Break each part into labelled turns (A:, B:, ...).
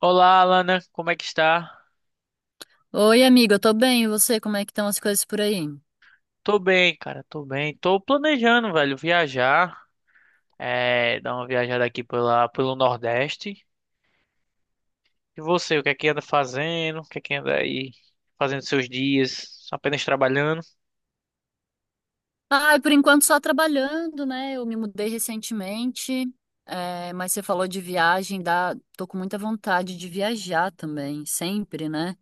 A: Olá, Alana, como é que está?
B: Oi, amiga, eu tô bem. E você, como é que estão as coisas por aí?
A: Tô bem, cara, tô bem. Tô planejando, velho, viajar, dar uma viajada aqui pelo Nordeste. E você, o que é que anda fazendo? O que é que anda aí fazendo seus dias? Apenas trabalhando?
B: Ai, por enquanto só trabalhando, né? Eu me mudei recentemente, mas você falou de viagem, dá... Tô com muita vontade de viajar também, sempre, né?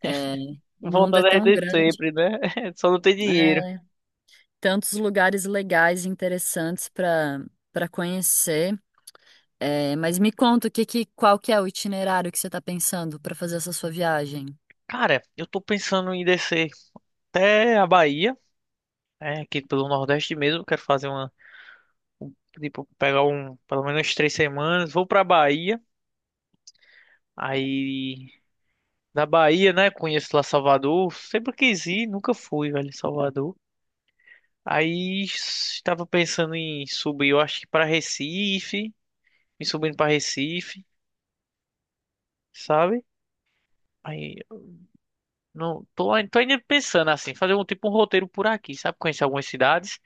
B: É, o mundo é
A: Vontade é
B: tão
A: de
B: grande,
A: sempre, né? Só não tem dinheiro.
B: é, tantos lugares legais e interessantes para conhecer. É, mas me conta qual que é o itinerário que você tá pensando para fazer essa sua viagem?
A: Cara, eu tô pensando em descer até a Bahia, aqui pelo Nordeste mesmo. Quero fazer um- tipo, pegar pelo menos 3 semanas. Vou pra Bahia, aí. Na Bahia, né? Conheço lá Salvador. Sempre quis ir, nunca fui, velho, em Salvador. Aí estava pensando em subir, eu acho que para Recife, me subindo para Recife, sabe? Aí não tô, tô ainda pensando assim, fazer um tipo um roteiro por aqui, sabe? Conhecer algumas cidades,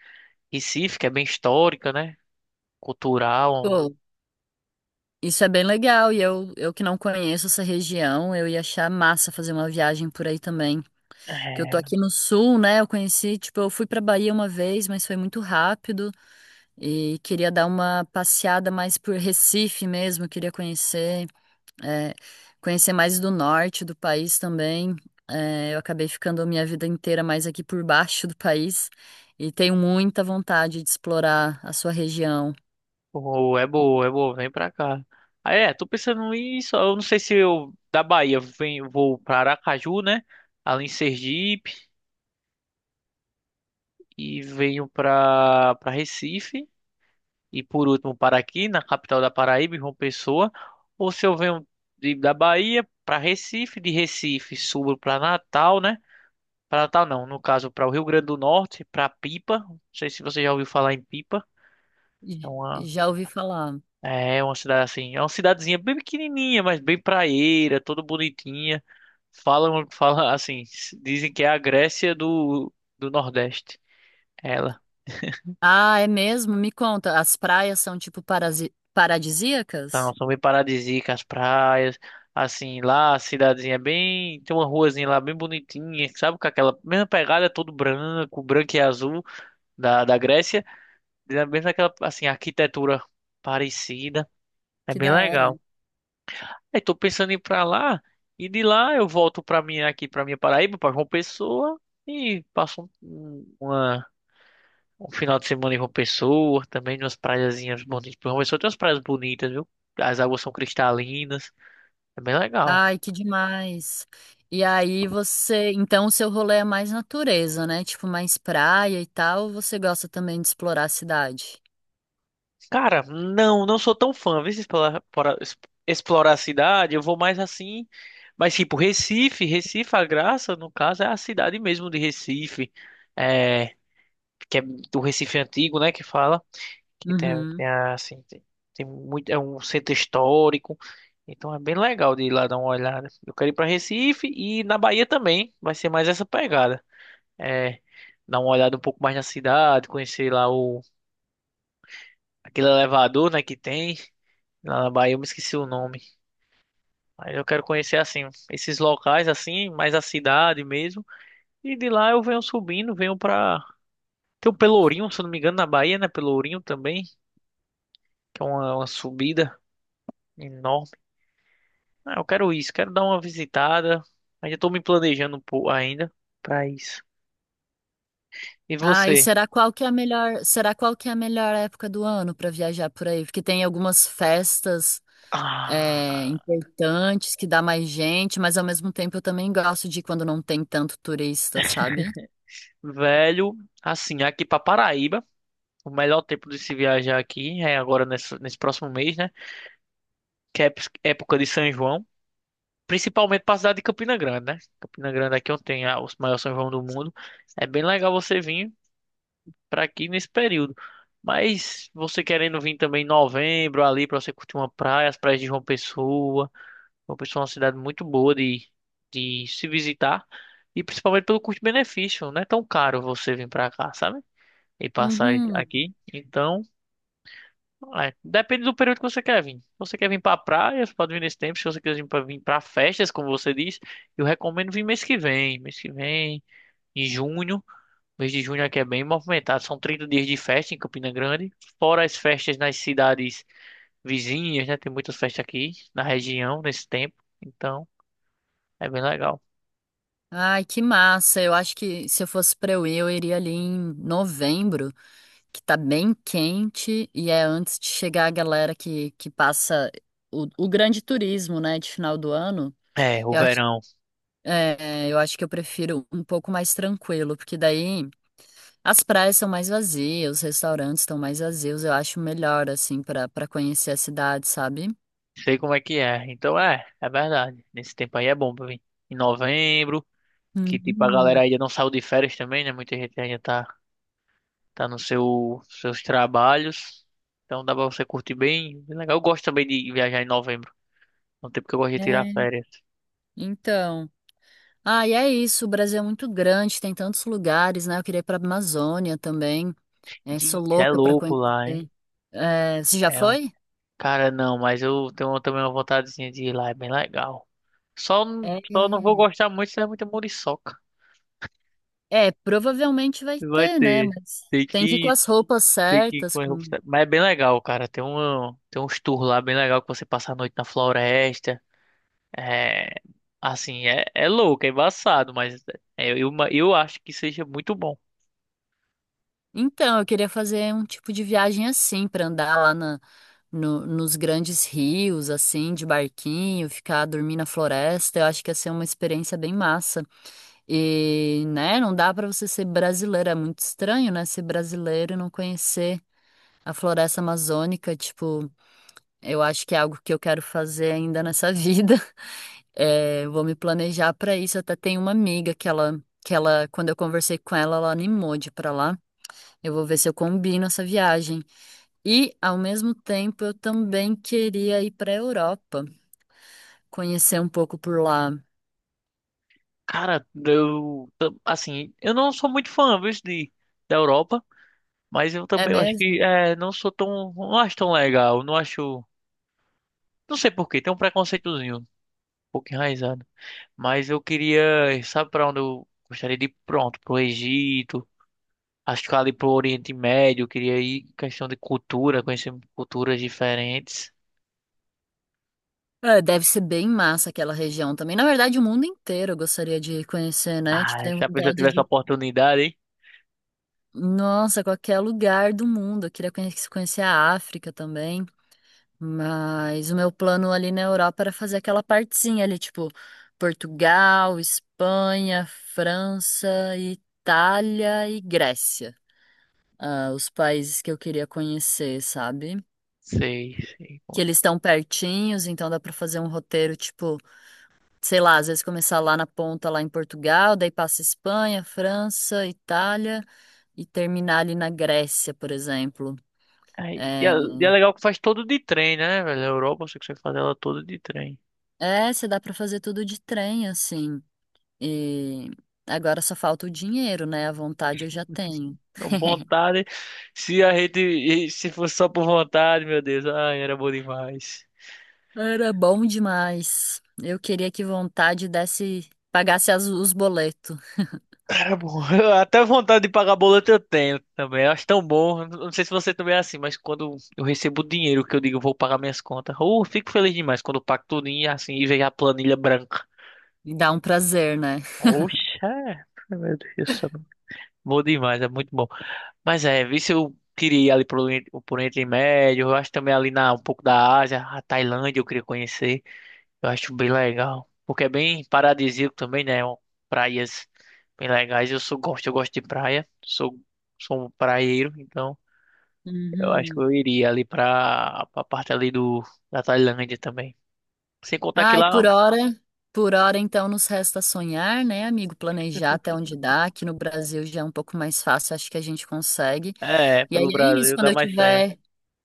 A: Recife, que é bem histórica, né? Cultural.
B: Isso é bem legal, e eu que não conheço essa região, eu ia achar massa fazer uma viagem por aí também. Que eu tô
A: É,
B: aqui no sul, né? Eu conheci, tipo, eu fui pra Bahia uma vez, mas foi muito rápido e queria dar uma passeada mais por Recife mesmo, queria conhecer, é, conhecer mais do norte do país também. É, eu acabei ficando a minha vida inteira mais aqui por baixo do país e tenho muita vontade de explorar a sua região.
A: pô, é boa, vem pra cá. Aí tô pensando nisso, eu não sei se eu da Bahia venho, vou pra Aracaju, né? Ali em Sergipe. E venho para Recife e por último para aqui na capital da Paraíba, em João Pessoa, ou se eu venho da Bahia para Recife, de Recife subo para Natal, né? Para Natal não, no caso para o Rio Grande do Norte, para Pipa. Não sei se você já ouviu falar em Pipa. É uma
B: Já ouvi falar.
A: é é uma cidade assim, é uma cidadezinha bem pequenininha, mas bem praieira, toda bonitinha. Falam assim, dizem que é a Grécia do Nordeste. Ela
B: Ah, é mesmo? Me conta, as praias são tipo paradisíacas?
A: São bem paradisíacas as praias. Assim, lá a cidadezinha é bem. Tem uma ruazinha lá bem bonitinha, sabe? Com aquela mesma pegada, todo branco, branco e azul da Grécia. Mesmo aquela, assim, arquitetura parecida. É
B: Que
A: bem
B: da hora.
A: legal. Aí tô pensando em ir pra lá. E de lá eu volto pra minha, aqui pra minha Paraíba, pra João Pessoa. E passo um final de semana em João Pessoa. Também umas praiazinhas bonitas. João Pessoa tem umas praias bonitas, viu? As águas são cristalinas. É bem legal.
B: Ai, que demais. E aí você, então o seu rolê é mais natureza, né? Tipo mais praia e tal, ou você gosta também de explorar a cidade?
A: Cara, não, não sou tão fã. Vê se explorar, explorar a cidade, eu vou mais assim. Mas tipo, Recife, Recife, a graça, no caso, é a cidade mesmo de Recife. É, que é do Recife antigo, né, que fala. Que
B: Uhum.
A: assim, tem muito, é um centro histórico. Então é bem legal de ir lá dar uma olhada. Eu quero ir para Recife e na Bahia também. Vai ser mais essa pegada. É, dar uma olhada um pouco mais na cidade, conhecer lá o aquele elevador, né, que tem. Lá na Bahia eu me esqueci o nome. Mas eu quero conhecer assim esses locais assim, mais a cidade mesmo. E de lá eu venho subindo, venho pra. Tem o Pelourinho, se eu não me engano, na Bahia, né? Pelourinho também, que é uma subida enorme. Ah, eu quero isso, quero dar uma visitada. Ainda tô me planejando um pouco ainda pra isso. E
B: Ah, e
A: você?
B: será qual que é a melhor, será qual que é a melhor época do ano para viajar por aí? Porque tem algumas festas
A: Ah,
B: é, importantes que dá mais gente, mas ao mesmo tempo eu também gosto de quando não tem tanto turista, sabe?
A: velho, assim, aqui pra Paraíba, o melhor tempo de se viajar aqui é agora nesse próximo mês, né? Que é época de São João. Principalmente para a cidade de Campina Grande, né? Campina Grande aqui é onde tem os maiores São João do mundo. É bem legal você vir para aqui nesse período. Mas você querendo vir também em novembro ali para você curtir uma praia, as praias de João Pessoa. João Pessoa é uma cidade muito boa de se visitar e principalmente pelo custo-benefício, não é tão caro você vir para cá, sabe? E passar
B: Uhum.
A: aqui. Então depende do período que você quer vir. Se você quer vir pra praia, você pode vir nesse tempo. Se você quiser vir pra festas, como você diz, eu recomendo vir mês que vem. Mês que vem, em junho. Mês de junho aqui é bem movimentado. São 30 dias de festa em Campina Grande. Fora as festas nas cidades vizinhas, né? Tem muitas festas aqui na região nesse tempo. Então, é bem legal.
B: Ai, que massa. Eu acho que se eu fosse pra eu ir, eu iria ali em novembro, que tá bem quente e é antes de chegar a galera que passa o grande turismo, né, de final do ano.
A: É, o
B: Eu acho,
A: verão.
B: eu acho que eu prefiro um pouco mais tranquilo, porque daí as praias são mais vazias, os restaurantes estão mais vazios. Eu acho melhor, assim, pra para conhecer a cidade, sabe?
A: Sei, Como é que é. Então, é verdade. Nesse tempo aí é bom pra vir. Em novembro, que tipo, a galera
B: Uhum.
A: ainda não saiu de férias também, né? Muita gente ainda tá no seus trabalhos. Então dá pra você curtir bem, bem legal. Eu gosto também de viajar em novembro, é um tempo que eu gosto de tirar
B: É,
A: férias.
B: então. Ah, e é isso. O Brasil é muito grande, tem tantos lugares, né? Eu queria ir para a Amazônia também. É, sou
A: Ih, é
B: louca para
A: louco lá, hein?
B: conhecer. É, você já
A: É, um-
B: foi?
A: cara, não, mas eu tenho também uma vontadezinha de ir lá, é bem legal. Só,
B: É,
A: só não vou gostar muito se é muita muriçoca.
B: é, provavelmente vai
A: Vai
B: ter, né?
A: ter.
B: Mas
A: Tem
B: tem que ir com
A: que,
B: as roupas
A: tem que ir
B: certas.
A: com as roupas.
B: Com...
A: Mas é bem legal, cara. Tem uns tours lá bem legal que você passa a noite na floresta. É, assim, é louco, é embaçado, mas eu acho que seja muito bom.
B: Então, eu queria fazer um tipo de viagem assim, para andar lá na, no- nos grandes rios, assim, de barquinho, ficar dormir na floresta. Eu acho que ia ser uma experiência bem massa. E, né, não dá para você ser brasileiro, é muito estranho, né, ser brasileiro e não conhecer a floresta amazônica, tipo, eu acho que é algo que eu quero fazer ainda nessa vida. É, vou me planejar para isso. Até tenho uma amiga que ela, quando eu conversei com ela, ela animou de ir para lá. Eu vou ver se eu combino essa viagem. E, ao mesmo tempo, eu também queria ir para a Europa, conhecer um pouco por lá.
A: Cara, eu, assim, eu não sou muito fã, viu, da Europa, mas eu
B: É
A: também eu acho que
B: mesmo?
A: não sou tão, não acho tão legal, não acho, não sei por quê, tem um preconceitozinho, um pouco enraizado. Mas eu queria, sabe pra onde eu gostaria de ir? Pronto, pro Egito, acho que ali pro Oriente Médio, eu queria ir, questão de cultura, conhecer culturas diferentes.
B: É, deve ser bem massa aquela região também. Na verdade, o mundo inteiro eu gostaria de conhecer, né? Tipo,
A: Ah,
B: tenho
A: se a pessoa
B: vontade
A: tivesse a
B: de.
A: oportunidade, hein?
B: Nossa, qualquer lugar do mundo. Eu queria conhecer a África também. Mas o meu plano ali na Europa era fazer aquela partezinha ali, tipo, Portugal, Espanha, França, Itália e Grécia. Ah, os países que eu queria conhecer, sabe?
A: Sei, sei.
B: Que
A: Como
B: eles estão pertinhos, então dá pra fazer um roteiro, tipo, sei lá, às vezes começar lá na ponta, lá em Portugal, daí passa Espanha, França, Itália e terminar ali na Grécia, por exemplo.
A: é. Aí, e é,
B: É,
A: e é legal que faz todo de trem, né, velho? A Europa, você consegue fazer ela toda de trem.
B: é, você dá pra fazer tudo de trem, assim. E agora só falta o dinheiro, né? A vontade eu já tenho.
A: Não, vontade. Se a gente. E se fosse só por vontade, meu Deus. Ai, era bom demais.
B: Era bom demais. Eu queria que vontade desse, pagasse os boletos.
A: Era bom. Até vontade de pagar boleto eu tenho também. Eu acho tão bom. Eu não sei se você também é assim, mas quando eu recebo dinheiro que eu digo, eu vou pagar minhas contas. Ou fico feliz demais quando eu pago tudinho assim e vejo a planilha branca.
B: E dá um prazer, né?
A: Oxa, meu Deus do céu. Bom demais, é muito bom. Mas vi se eu queria ir ali pro Oriente Médio, eu acho também ali um pouco da Ásia, a Tailândia eu queria conhecer, eu acho bem legal, porque é bem paradisíaco também, né, praias bem legais, eu gosto de praia, sou um praieiro, então eu acho que
B: Uhum.
A: eu iria ali pra parte ali da Tailândia também, sem contar que
B: Ai,
A: lá,
B: por hora, por hora então nos resta sonhar, né, amigo? Planejar até onde dá. Aqui no Brasil já é um pouco mais fácil, acho que a gente consegue. E aí
A: pelo
B: é isso,
A: Brasil dá mais certo,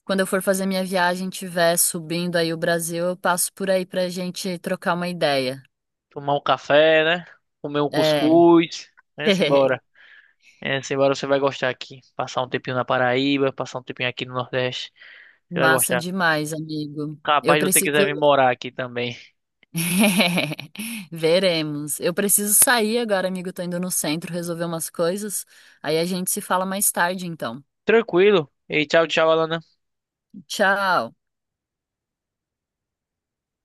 B: quando eu for fazer minha viagem, tiver subindo aí o Brasil, eu passo por aí pra gente trocar uma ideia.
A: tomar um café, né, comer um
B: É.
A: cuscuz, né, simbora. É, Simbora, você vai gostar aqui. Passar um tempinho na Paraíba, passar um tempinho aqui no Nordeste. Você vai
B: Massa
A: gostar.
B: demais, amigo.
A: Rapaz
B: Eu
A: se você
B: preciso.
A: quiser vir morar aqui também.
B: Veremos. Eu preciso sair agora, amigo. Tô indo no centro resolver umas coisas. Aí a gente se fala mais tarde, então.
A: Tranquilo. E tchau, tchau, Alana.
B: Tchau.